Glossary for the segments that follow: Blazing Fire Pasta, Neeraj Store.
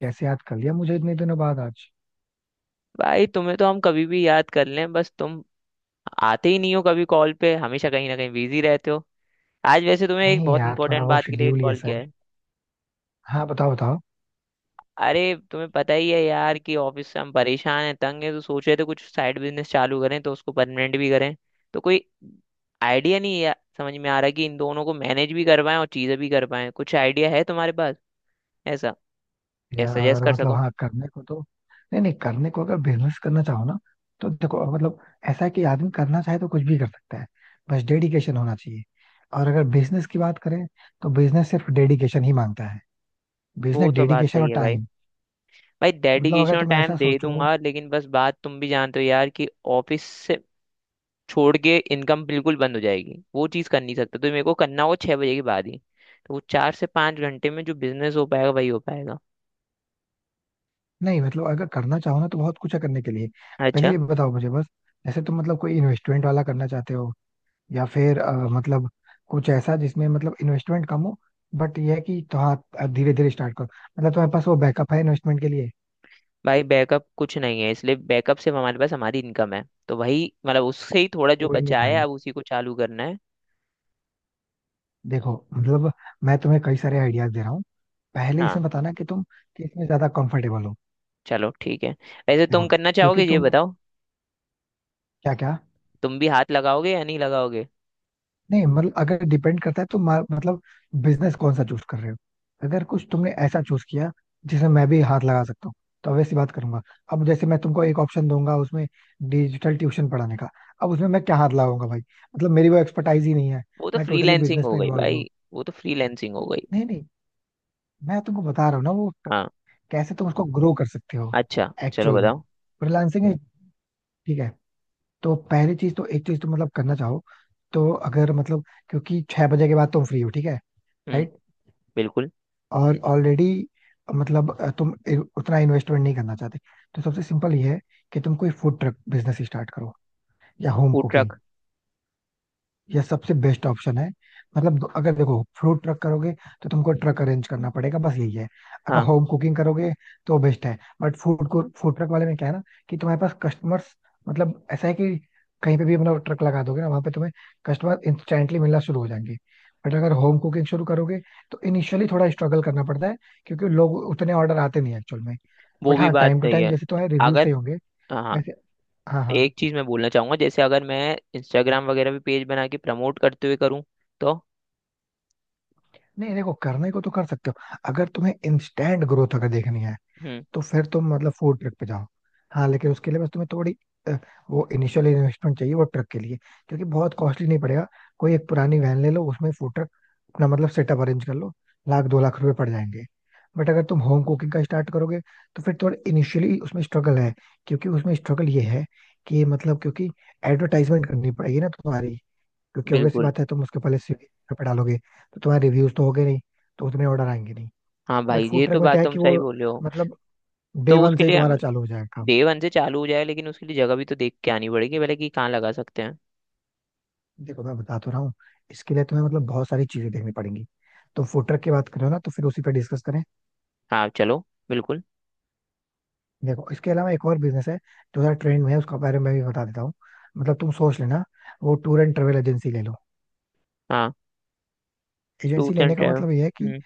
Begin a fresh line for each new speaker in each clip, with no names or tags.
कैसे याद कर लिया मुझे इतने दिनों बाद आज।
भाई तुम्हें तो हम कभी भी याद कर लें, बस तुम आते ही नहीं हो। कभी कॉल पे हमेशा कहीं ना कहीं बिजी रहते हो। आज वैसे तुम्हें एक
नहीं
बहुत
यार थोड़ा
इंपॉर्टेंट
वो
बात के लिए
शेड्यूल ही
कॉल
ऐसा
किया
है।
है।
हाँ बताओ बताओ।
अरे, तुम्हें पता ही है यार कि ऑफिस से हम परेशान हैं, तंग हैं, तो सोच रहे थे कुछ साइड बिजनेस चालू करें तो उसको परमानेंट भी करें। तो कोई आइडिया नहीं है, समझ में आ रहा कि इन दोनों को मैनेज भी कर पाएं और चीज़ें भी कर पाएं। कुछ आइडिया है तुम्हारे पास ऐसा या सजेस्ट
यार
कर
मतलब
सको?
हाँ करने को तो। नहीं नहीं करने को अगर बिजनेस करना चाहो ना। तो देखो मतलब ऐसा है कि आदमी करना चाहे तो कुछ भी कर सकता है। बस डेडिकेशन होना चाहिए। और अगर बिजनेस की बात करें तो बिजनेस सिर्फ डेडिकेशन ही मांगता है।
वो
बिजनेस
तो बात
डेडिकेशन
सही
और
है भाई।
टाइम।
भाई
मतलब
डेडिकेशन
अगर
और
तुम
टाइम
ऐसा
दे
सोचो।
दूंगा, लेकिन बस बात तुम भी जानते हो यार कि ऑफिस से छोड़ के इनकम बिल्कुल बंद हो जाएगी, वो चीज़ कर नहीं सकता। तो मेरे को करना होगा 6 बजे के बाद ही। तो वो 4 से 5 घंटे में जो बिजनेस हो पाएगा, वही हो पाएगा।
नहीं मतलब अगर करना चाहो ना तो बहुत कुछ है करने के लिए। पहले
अच्छा।
ये बताओ मुझे बस। जैसे तुम मतलब कोई इन्वेस्टमेंट वाला करना चाहते हो या फिर मतलब कुछ ऐसा जिसमें मतलब इन्वेस्टमेंट कम हो। बट ये है कि तो हाँ धीरे धीरे स्टार्ट करो। मतलब तुम्हारे पास वो बैकअप है इन्वेस्टमेंट के लिए।
भाई बैकअप कुछ नहीं है, इसलिए बैकअप सिर्फ हमारे पास हमारी इनकम है, तो वही मतलब उससे ही थोड़ा जो
कोई नहीं
बचा है
भाई।
अब उसी को चालू करना है।
देखो मतलब मैं तुम्हें कई सारे आइडियाज दे रहा हूँ। पहले
हाँ।
इसमें बताना कि तुम किस में ज्यादा कंफर्टेबल हो।
चलो ठीक है। वैसे
देखो
तुम करना चाहोगे,
क्योंकि
ये
तुम
बताओ।
क्या क्या।
तुम भी हाथ लगाओगे या नहीं लगाओगे?
नहीं मतलब अगर डिपेंड करता है तो मतलब बिजनेस कौन सा चूज कर रहे हो। अगर कुछ तुमने ऐसा चूज किया जिसमें मैं भी हाथ लगा सकता हूँ तो वैसी बात करूंगा। अब जैसे मैं तुमको एक ऑप्शन दूंगा उसमें डिजिटल ट्यूशन पढ़ाने का। अब उसमें मैं क्या हाथ लगाऊंगा भाई। मतलब मेरी वो एक्सपर्टाइज ही नहीं है।
वो तो
मैं टोटली
फ्रीलैंसिंग
बिजनेस
हो
में
गई
इन्वॉल्व
भाई।
हूँ।
वो तो फ्रीलैंसिंग हो गई।
नहीं नहीं मैं तुमको बता रहा हूँ ना वो
हाँ।
कैसे तुम उसको ग्रो कर सकते हो।
अच्छा चलो
एक्चुअल में
बताओ।
फ्रीलांसिंग। ठीक है। तो पहली चीज तो एक चीज तुम मतलब करना चाहो। तो अगर मतलब क्योंकि 6 बजे के बाद तुम फ्री हो। ठीक है।
हम्म।
राइट।
बिल्कुल।
और ऑलरेडी मतलब तुम उतना इन्वेस्टमेंट नहीं करना चाहते। तो सबसे सिंपल ये है कि तुम कोई फूड ट्रक बिजनेस स्टार्ट करो या होम
फूड
कुकिंग।
ट्रक?
ये सबसे बेस्ट ऑप्शन है। मतलब अगर देखो फ्रूट ट्रक करोगे तो तुमको ट्रक अरेंज करना पड़ेगा बस यही है। अगर
हाँ।
होम कुकिंग करोगे तो बेस्ट है। बट फूड को फूड ट्रक वाले में क्या है ना कि तुम्हारे पास कस्टमर्स मतलब ऐसा है कि कहीं पे भी मतलब ट्रक लगा दोगे ना वहां पे तुम्हें कस्टमर इंस्टेंटली मिलना शुरू हो जाएंगे। बट अगर होम कुकिंग शुरू करोगे तो इनिशियली थोड़ा स्ट्रगल करना पड़ता है। क्योंकि लोग उतने ऑर्डर आते नहीं एक्चुअल में।
वो
बट
भी
हाँ
बात
टाइम टू
सही
टाइम
है।
जैसे तुम्हारे रिव्यू
अगर,
सही होंगे
हाँ,
वैसे। हाँ हाँ।
एक चीज मैं बोलना चाहूंगा, जैसे अगर मैं इंस्टाग्राम वगैरह भी पेज बना के प्रमोट करते हुए करूँ तो?
नहीं देखो करने को तो कर सकते हो अगर तुम्हें इंस्टेंट ग्रोथ अगर देखनी है
हम्म।
तो फिर तुम मतलब फूड ट्रक पे जाओ। हाँ लेकिन उसके लिए बस तुम्हें थोड़ी अ, वो इनिशियल इन्वेस्टमेंट चाहिए वो ट्रक के लिए। क्योंकि बहुत कॉस्टली नहीं पड़ेगा। कोई एक पुरानी वैन ले लो उसमें फूड ट्रक अपना मतलब सेटअप अरेंज कर लो। लाख 2 लाख रुपए पड़ जाएंगे। बट अगर तुम होम कुकिंग का स्टार्ट करोगे तो फिर थोड़ा इनिशियली उसमें स्ट्रगल है। क्योंकि उसमें स्ट्रगल ये है कि मतलब क्योंकि एडवर्टाइजमेंट करनी पड़ेगी ना तुम्हारी। क्योंकि ऑब्वियस
बिल्कुल।
बात है तुम उसके पहले स्विगी पे डालोगे तो तुम्हारे रिव्यूज तो होगे नहीं। तो उतने ऑर्डर आएंगे नहीं।
हाँ
बट
भाई
फूड
ये
ट्रक
तो
में क्या
बात
है
तुम
कि वो
सही बोले हो।
मतलब डे
तो
वन
उसके
से ही
लिए हम,
तुम्हारा चालू हो जाएगा काम।
डे वन से चालू हो जाए, लेकिन उसके लिए जगह भी तो देख के आनी पड़ेगी पहले कि कहाँ लगा सकते हैं।
देखो मैं बता तो रहा हूँ। इसके लिए तुम्हें मतलब बहुत सारी चीजें देखनी पड़ेंगी। तो फूड ट्रक की बात करो ना तो फिर उसी पर डिस्कस करें।
हाँ चलो। बिल्कुल।
देखो इसके अलावा एक और बिजनेस है जो थोड़ा ट्रेंड में है उसका बारे में भी बता देता हूँ। मतलब तुम सोच लेना। वो टूर एंड ट्रेवल एजेंसी ले लो।
हाँ।
एजेंसी
टूर्स एंड
लेने का
ट्रैवल।
मतलब ये है कि
हम्म।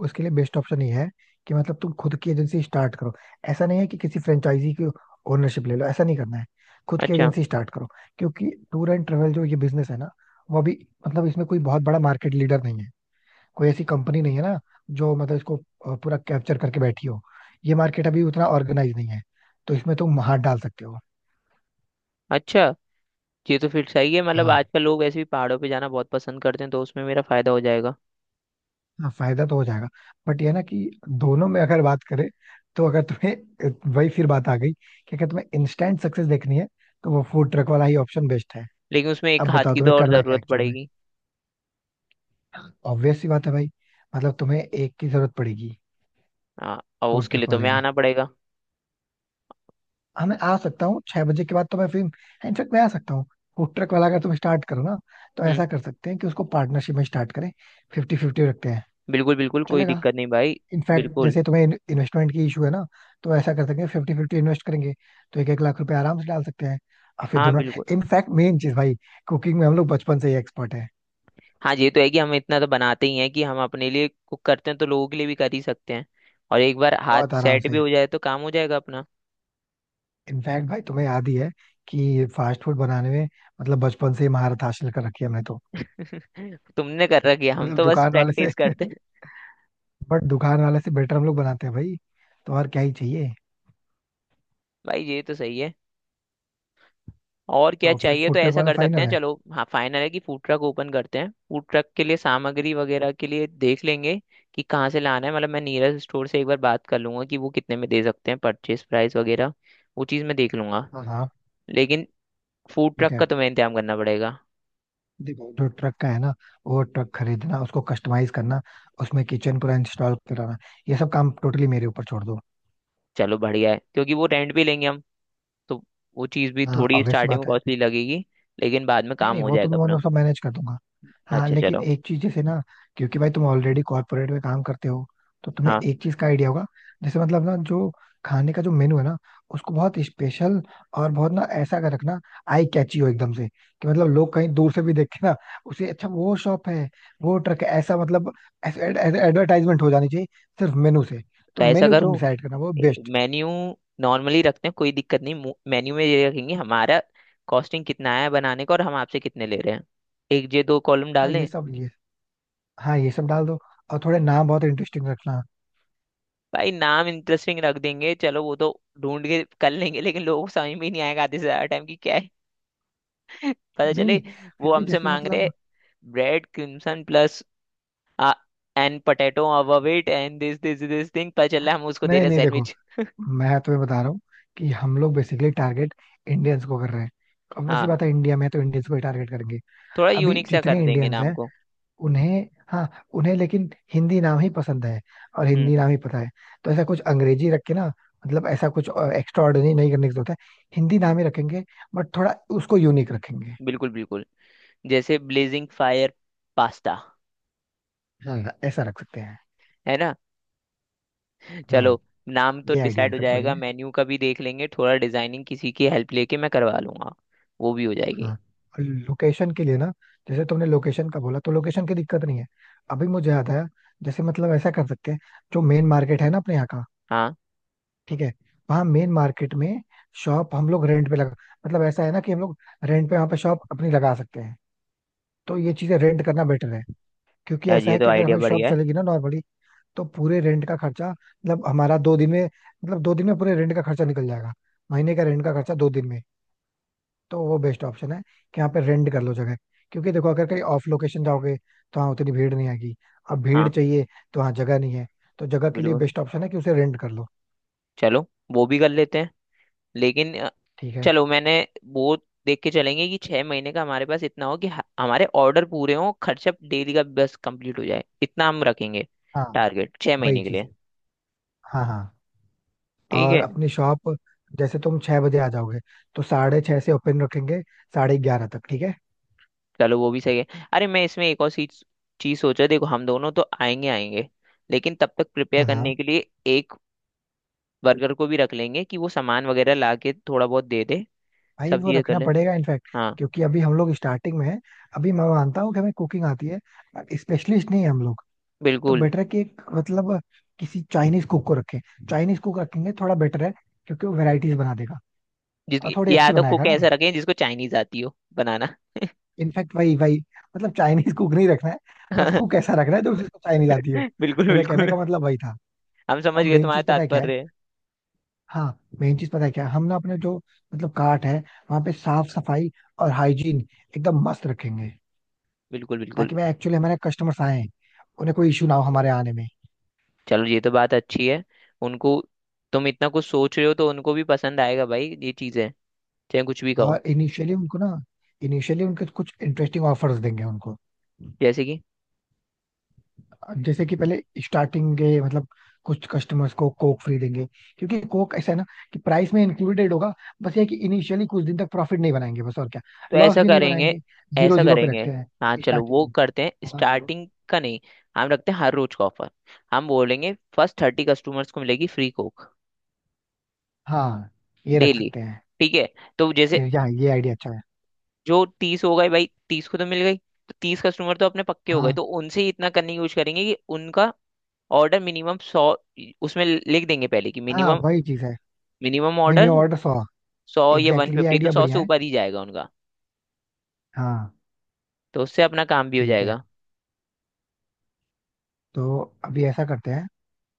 उसके लिए बेस्ट ऑप्शन ये है कि मतलब तुम खुद की एजेंसी स्टार्ट करो। ऐसा नहीं है कि किसी फ्रेंचाइजी की ओनरशिप ले लो। ऐसा नहीं करना है। खुद की
अच्छा।
एजेंसी स्टार्ट करो। क्योंकि टूर एंड ट्रेवल जो ये बिजनेस है ना वो अभी मतलब इसमें कोई बहुत बड़ा मार्केट लीडर नहीं है। कोई ऐसी कंपनी नहीं है ना जो मतलब इसको पूरा कैप्चर करके बैठी हो। ये मार्केट अभी उतना ऑर्गेनाइज नहीं है। तो इसमें तुम हाथ डाल सकते हो।
अच्छा, ये तो फिर सही है। मतलब
हाँ।
आजकल लोग ऐसे भी पहाड़ों पे जाना बहुत पसंद करते हैं तो उसमें मेरा फायदा हो जाएगा।
हाँ फायदा तो हो जाएगा। बट ये ना कि दोनों में अगर बात करें तो अगर तुम्हें वही फिर बात आ गई कि अगर तुम्हें इंस्टेंट सक्सेस देखनी है तो वो फूड ट्रक वाला ही ऑप्शन बेस्ट है।
लेकिन उसमें एक
अब
हाथ
बताओ
की तो
तुम्हें
और
करना क्या
जरूरत
एक्चुअल में।
पड़ेगी।
ऑब्वियस सी बात है भाई। मतलब तुम्हें एक की जरूरत पड़ेगी
हाँ, और
फूड
उसके लिए
ट्रक
तो
वाले
मैं
में।
आना पड़ेगा।
हाँ मैं आ सकता हूँ छह बजे के बाद तो मैं फिर इनफेक्ट मैं आ सकता हूँ। फूड ट्रक वाला अगर तुम स्टार्ट करो ना तो
हम्म।
ऐसा कर सकते हैं कि उसको पार्टनरशिप में स्टार्ट करें। 50-50 रखते हैं।
बिल्कुल बिल्कुल, कोई
चलेगा।
दिक्कत नहीं भाई।
इनफैक्ट
बिल्कुल।
जैसे तुम्हें इन्वेस्टमेंट की इशू है ना तो ऐसा कर सकते हैं 50-50 इन्वेस्ट करेंगे तो 1-1 लाख रुपए आराम से डाल सकते हैं और फिर
हाँ
दोनों।
बिल्कुल।
इनफैक्ट मेन चीज भाई। कुकिंग में हम लोग बचपन से ही एक्सपर्ट है।
हाँ ये तो है कि हम इतना तो बनाते ही हैं कि हम अपने लिए कुक करते हैं तो लोगों के लिए भी कर ही सकते हैं। और एक बार हाथ
बहुत आराम
सेट
से।
भी हो जाए तो काम हो जाएगा अपना।
इनफैक्ट भाई तुम्हें याद ही है कि फास्ट फूड बनाने में मतलब बचपन से ही महारत हासिल कर रखी है हमने तो।
तुमने कर रखी है, हम
मतलब
तो बस
दुकान वाले से।
प्रैक्टिस करते हैं।
बट दुकान वाले से बेटर हम लोग बनाते हैं भाई। तो और क्या ही चाहिए।
भाई ये तो सही है। और क्या
तो फिर
चाहिए, तो
फूड ट्रक
ऐसा
वाला
कर सकते
फाइनल
हैं।
है।
चलो, हाँ, फाइनल है कि फूड ट्रक ओपन करते हैं। फूड ट्रक के लिए सामग्री वगैरह के लिए देख लेंगे कि कहाँ से लाना है। मतलब मैं नीरज स्टोर से एक बार बात कर लूंगा कि वो कितने में दे सकते हैं, परचेज प्राइस वगैरह। वो चीज़ मैं देख लूंगा।
हाँ हाँ।
लेकिन फूड
ठीक
ट्रक
है।
का तुम्हें इंतजाम करना पड़ेगा।
देखो जो ट्रक का है ना वो ट्रक खरीदना उसको कस्टमाइज करना उसमें किचन पूरा इंस्टॉल कराना ये सब काम टोटली मेरे ऊपर छोड़ दो।
चलो बढ़िया है, क्योंकि वो रेंट भी लेंगे हम, तो वो चीज़ भी
हाँ
थोड़ी
ऑब्वियस सी
स्टार्टिंग में
बात है।
कॉस्टली लगेगी लेकिन बाद में
नहीं
काम
नहीं
हो
वो तो
जाएगा
मैं
अपना।
मतलब मैनेज कर दूंगा। हाँ
अच्छा
लेकिन
चलो।
एक चीज जैसे ना क्योंकि भाई तुम ऑलरेडी कॉर्पोरेट में काम करते हो तो तुम्हें
हाँ।
एक चीज का आइडिया होगा। जैसे मतलब ना जो खाने का जो मेनू है ना उसको बहुत स्पेशल और बहुत ना ऐसा कर रखना आई कैची हो एकदम से कि मतलब लोग कहीं दूर से भी देखे ना उसे अच्छा वो शॉप है वो ट्रक है ऐसा मतलब एडवर्टाइजमेंट हो जानी चाहिए सिर्फ मेनू से। तो
तो ऐसा
मेनू तुम
करो।
डिसाइड करना वो बेस्ट।
मेन्यू नॉर्मली रखते हैं, कोई दिक्कत नहीं। मेन्यू में ये रखेंगे हमारा, कॉस्टिंग कितना है बनाने का और हम आपसे कितने ले रहे हैं, एक ये दो कॉलम
हाँ
डाल
ये
दें।
सब ये हाँ ये सब डाल दो। और थोड़े नाम बहुत इंटरेस्टिंग रखना।
भाई नाम इंटरेस्टिंग रख देंगे, चलो वो तो ढूंढ के कर लेंगे। लेकिन लोगों को समझ में ही नहीं आएगा आधे से ज्यादा टाइम की क्या पता
नहीं
चले।
नहीं फिर
वो
भी
हमसे
जैसे
मांग रहे
मतलब
bread crimson plus and potato above it and this this this thing, पता चला हम उसको दे
नहीं
रहे
नहीं देखो
सैंडविच।
मैं तुम्हें बता रहा हूँ कि हम लोग बेसिकली टारगेट इंडियंस को कर रहे हैं। ऑब्वियसली
हाँ,
बात है इंडिया में तो इंडियंस को ही टारगेट करेंगे।
थोड़ा
अभी
यूनिक सा कर
जितने
देंगे
इंडियंस
नाम
हैं
को।
उन्हें हाँ उन्हें लेकिन हिंदी नाम ही पसंद है और
हम्म।
हिंदी नाम ही पता है। तो ऐसा कुछ अंग्रेजी रख के ना मतलब ऐसा कुछ एक्स्ट्रा ऑर्डिनरी नहीं करने की जरूरत है। हिंदी नाम ही रखेंगे बट थोड़ा उसको यूनिक रखेंगे।
बिल्कुल बिल्कुल। जैसे ब्लेजिंग फायर पास्ता,
हाँ ऐसा रख सकते हैं।
है ना?
हाँ
चलो। नाम तो
ये आइडिया
डिसाइड हो
इनफेक्ट
जाएगा,
बढ़िया है।
मेन्यू का भी देख लेंगे। थोड़ा डिजाइनिंग किसी की हेल्प लेके मैं करवा लूंगा। वो भी हो जाएगी।
हाँ लोकेशन के लिए ना जैसे तुमने लोकेशन का बोला तो लोकेशन की दिक्कत नहीं है। अभी मुझे याद आया। जैसे मतलब ऐसा कर सकते हैं जो मेन मार्केट है ना अपने यहाँ का।
हाँ।
ठीक है। वहाँ मेन मार्केट में शॉप हम लोग रेंट पे लगा मतलब ऐसा है ना कि हम लोग रेंट पे वहाँ पे शॉप अपनी लगा सकते हैं। तो ये चीजें रेंट करना बेटर है। क्योंकि
यार
ऐसा
ये
है
तो
कि अगर
आइडिया
हमारी शॉप
बढ़िया है।
चलेगी ना नॉर्मली तो पूरे रेंट का खर्चा मतलब हमारा 2 दिन में मतलब 2 दिन में पूरे रेंट का खर्चा निकल जाएगा। महीने का रेंट का खर्चा 2 दिन में। तो वो बेस्ट ऑप्शन है कि यहाँ पे रेंट कर लो जगह। क्योंकि देखो अगर कहीं ऑफ लोकेशन जाओगे तो हाँ उतनी भीड़ नहीं आएगी। अब भीड़
हाँ
चाहिए तो हाँ जगह नहीं है तो जगह के लिए
बिल्कुल।
बेस्ट ऑप्शन है कि उसे रेंट कर लो।
चलो वो भी कर लेते हैं। लेकिन,
ठीक है।
चलो मैंने वो देख के चलेंगे कि 6 महीने का हमारे पास इतना हो कि हमारे ऑर्डर पूरे हों, खर्चा डेली का बस कंप्लीट हो जाए, इतना हम रखेंगे।
हाँ
टारगेट छह
वही
महीने के
चीज
लिए।
है। हाँ हाँ।
ठीक
और
है।
अपनी शॉप जैसे तुम 6 बजे आ जाओगे तो 6:30 से ओपन रखेंगे 11:30 तक। ठीक है।
चलो वो भी सही है। अरे मैं इसमें एक और चीज चीज सोचा, देखो हम दोनों तो आएंगे आएंगे लेकिन तब तक प्रिपेयर
हाँ
करने
हाँ।
के लिए एक वर्कर को भी रख लेंगे कि वो सामान वगैरह ला के थोड़ा बहुत दे दे,
भाई
सब
वो
चीजें कर
रखना
ले।
पड़ेगा इनफैक्ट।
हाँ।
क्योंकि अभी हम लोग स्टार्टिंग में हैं। अभी मैं मानता हूँ कि हमें कुकिंग आती है स्पेशलिस्ट नहीं है हम लोग। तो
बिल्कुल।
बेटर है कि एक मतलब किसी चाइनीज कुक को रखें। चाइनीज कुक रखेंगे थोड़ा बेटर है क्योंकि वो वेराइटीज बना देगा और
जिसकी,
थोड़ी
या
अच्छी
तो
बनाएगा
कुक
ना।
ऐसा रखें जिसको चाइनीज आती हो बनाना।
इनफैक्ट वही वही मतलब चाइनीज कुक नहीं रखना है बस कुक ऐसा रखना है जो उसको चाइनीज आती हो।
बिल्कुल
मेरे कहने
बिल्कुल।
का मतलब वही था।
हम समझ
और
गए
मेन
तुम्हारा
चीज पता है क्या है।
तात्पर्य।
हाँ मेन चीज पता है क्या है हम ना अपने जो मतलब काट है वहां पे साफ सफाई और हाइजीन एकदम मस्त रखेंगे।
बिल्कुल बिल्कुल।
ताकि मैं एक्चुअली हमारे कस्टमर्स आए उन्हें कोई इशू ना हो हमारे आने में।
चलो ये तो बात अच्छी है उनको। तुम इतना कुछ सोच रहे हो तो उनको भी पसंद आएगा भाई ये चीजें, चाहे कुछ भी कहो।
और इनिशियली उनको ना इनिशियली उनके कुछ इंटरेस्टिंग ऑफर्स देंगे उनको।
जैसे कि?
जैसे कि पहले स्टार्टिंग के मतलब कुछ कस्टमर्स को कोक फ्री देंगे। क्योंकि कोक ऐसा है ना कि प्राइस में इंक्लूडेड होगा। बस ये है कि इनिशियली कुछ दिन तक प्रॉफिट नहीं बनाएंगे बस और क्या।
तो
लॉस
ऐसा
भी नहीं
करेंगे,
बनाएंगे। जीरो
ऐसा
जीरो पे
करेंगे।
रखते हैं।
हाँ चलो
स्टार्टिंग
वो
में।
करते हैं।
हाँ बोलो।
स्टार्टिंग का नहीं, हम रखते हैं हर रोज का ऑफर। हम बोलेंगे फर्स्ट 30 कस्टमर्स को मिलेगी फ्री कोक
हाँ ये रख
डेली।
सकते हैं।
ठीक है। तो जैसे,
यहाँ ये आइडिया अच्छा है।
जो 30 हो गए भाई, 30 को तो मिल गई, तो 30 कस्टमर तो अपने पक्के हो गए,
हाँ
तो उनसे ही इतना करने की कोशिश करेंगे कि उनका ऑर्डर मिनिमम 100। उसमें लिख देंगे पहले कि
हाँ।
मिनिमम,
वही चीज है।
Minimum
mini
order
order 100।
100 या वन
एग्जैक्टली ये
फिफ्टी तो
आइडिया
100
बढ़िया
से
है।
ऊपर ही जाएगा उनका।
हाँ।
तो उससे अपना काम भी हो
ठीक है।
जाएगा।
तो अभी ऐसा करते हैं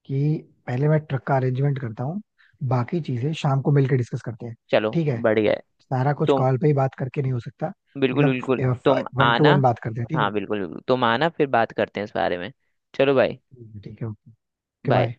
कि पहले मैं ट्रक का अरेंजमेंट करता हूँ। बाकी चीजें शाम को मिलकर डिस्कस करते हैं।
चलो
ठीक है।
बढ़िया है।
सारा कुछ
तुम,
कॉल पे ही बात करके नहीं हो सकता।
बिल्कुल बिल्कुल
मतलब
तुम
वन टू
आना।
वन बात करते हैं। ठीक
हाँ
है।
बिल्कुल बिल्कुल तुम आना, फिर बात करते हैं इस बारे में। चलो भाई।
ठीक है ओके।
बाय।
बाय।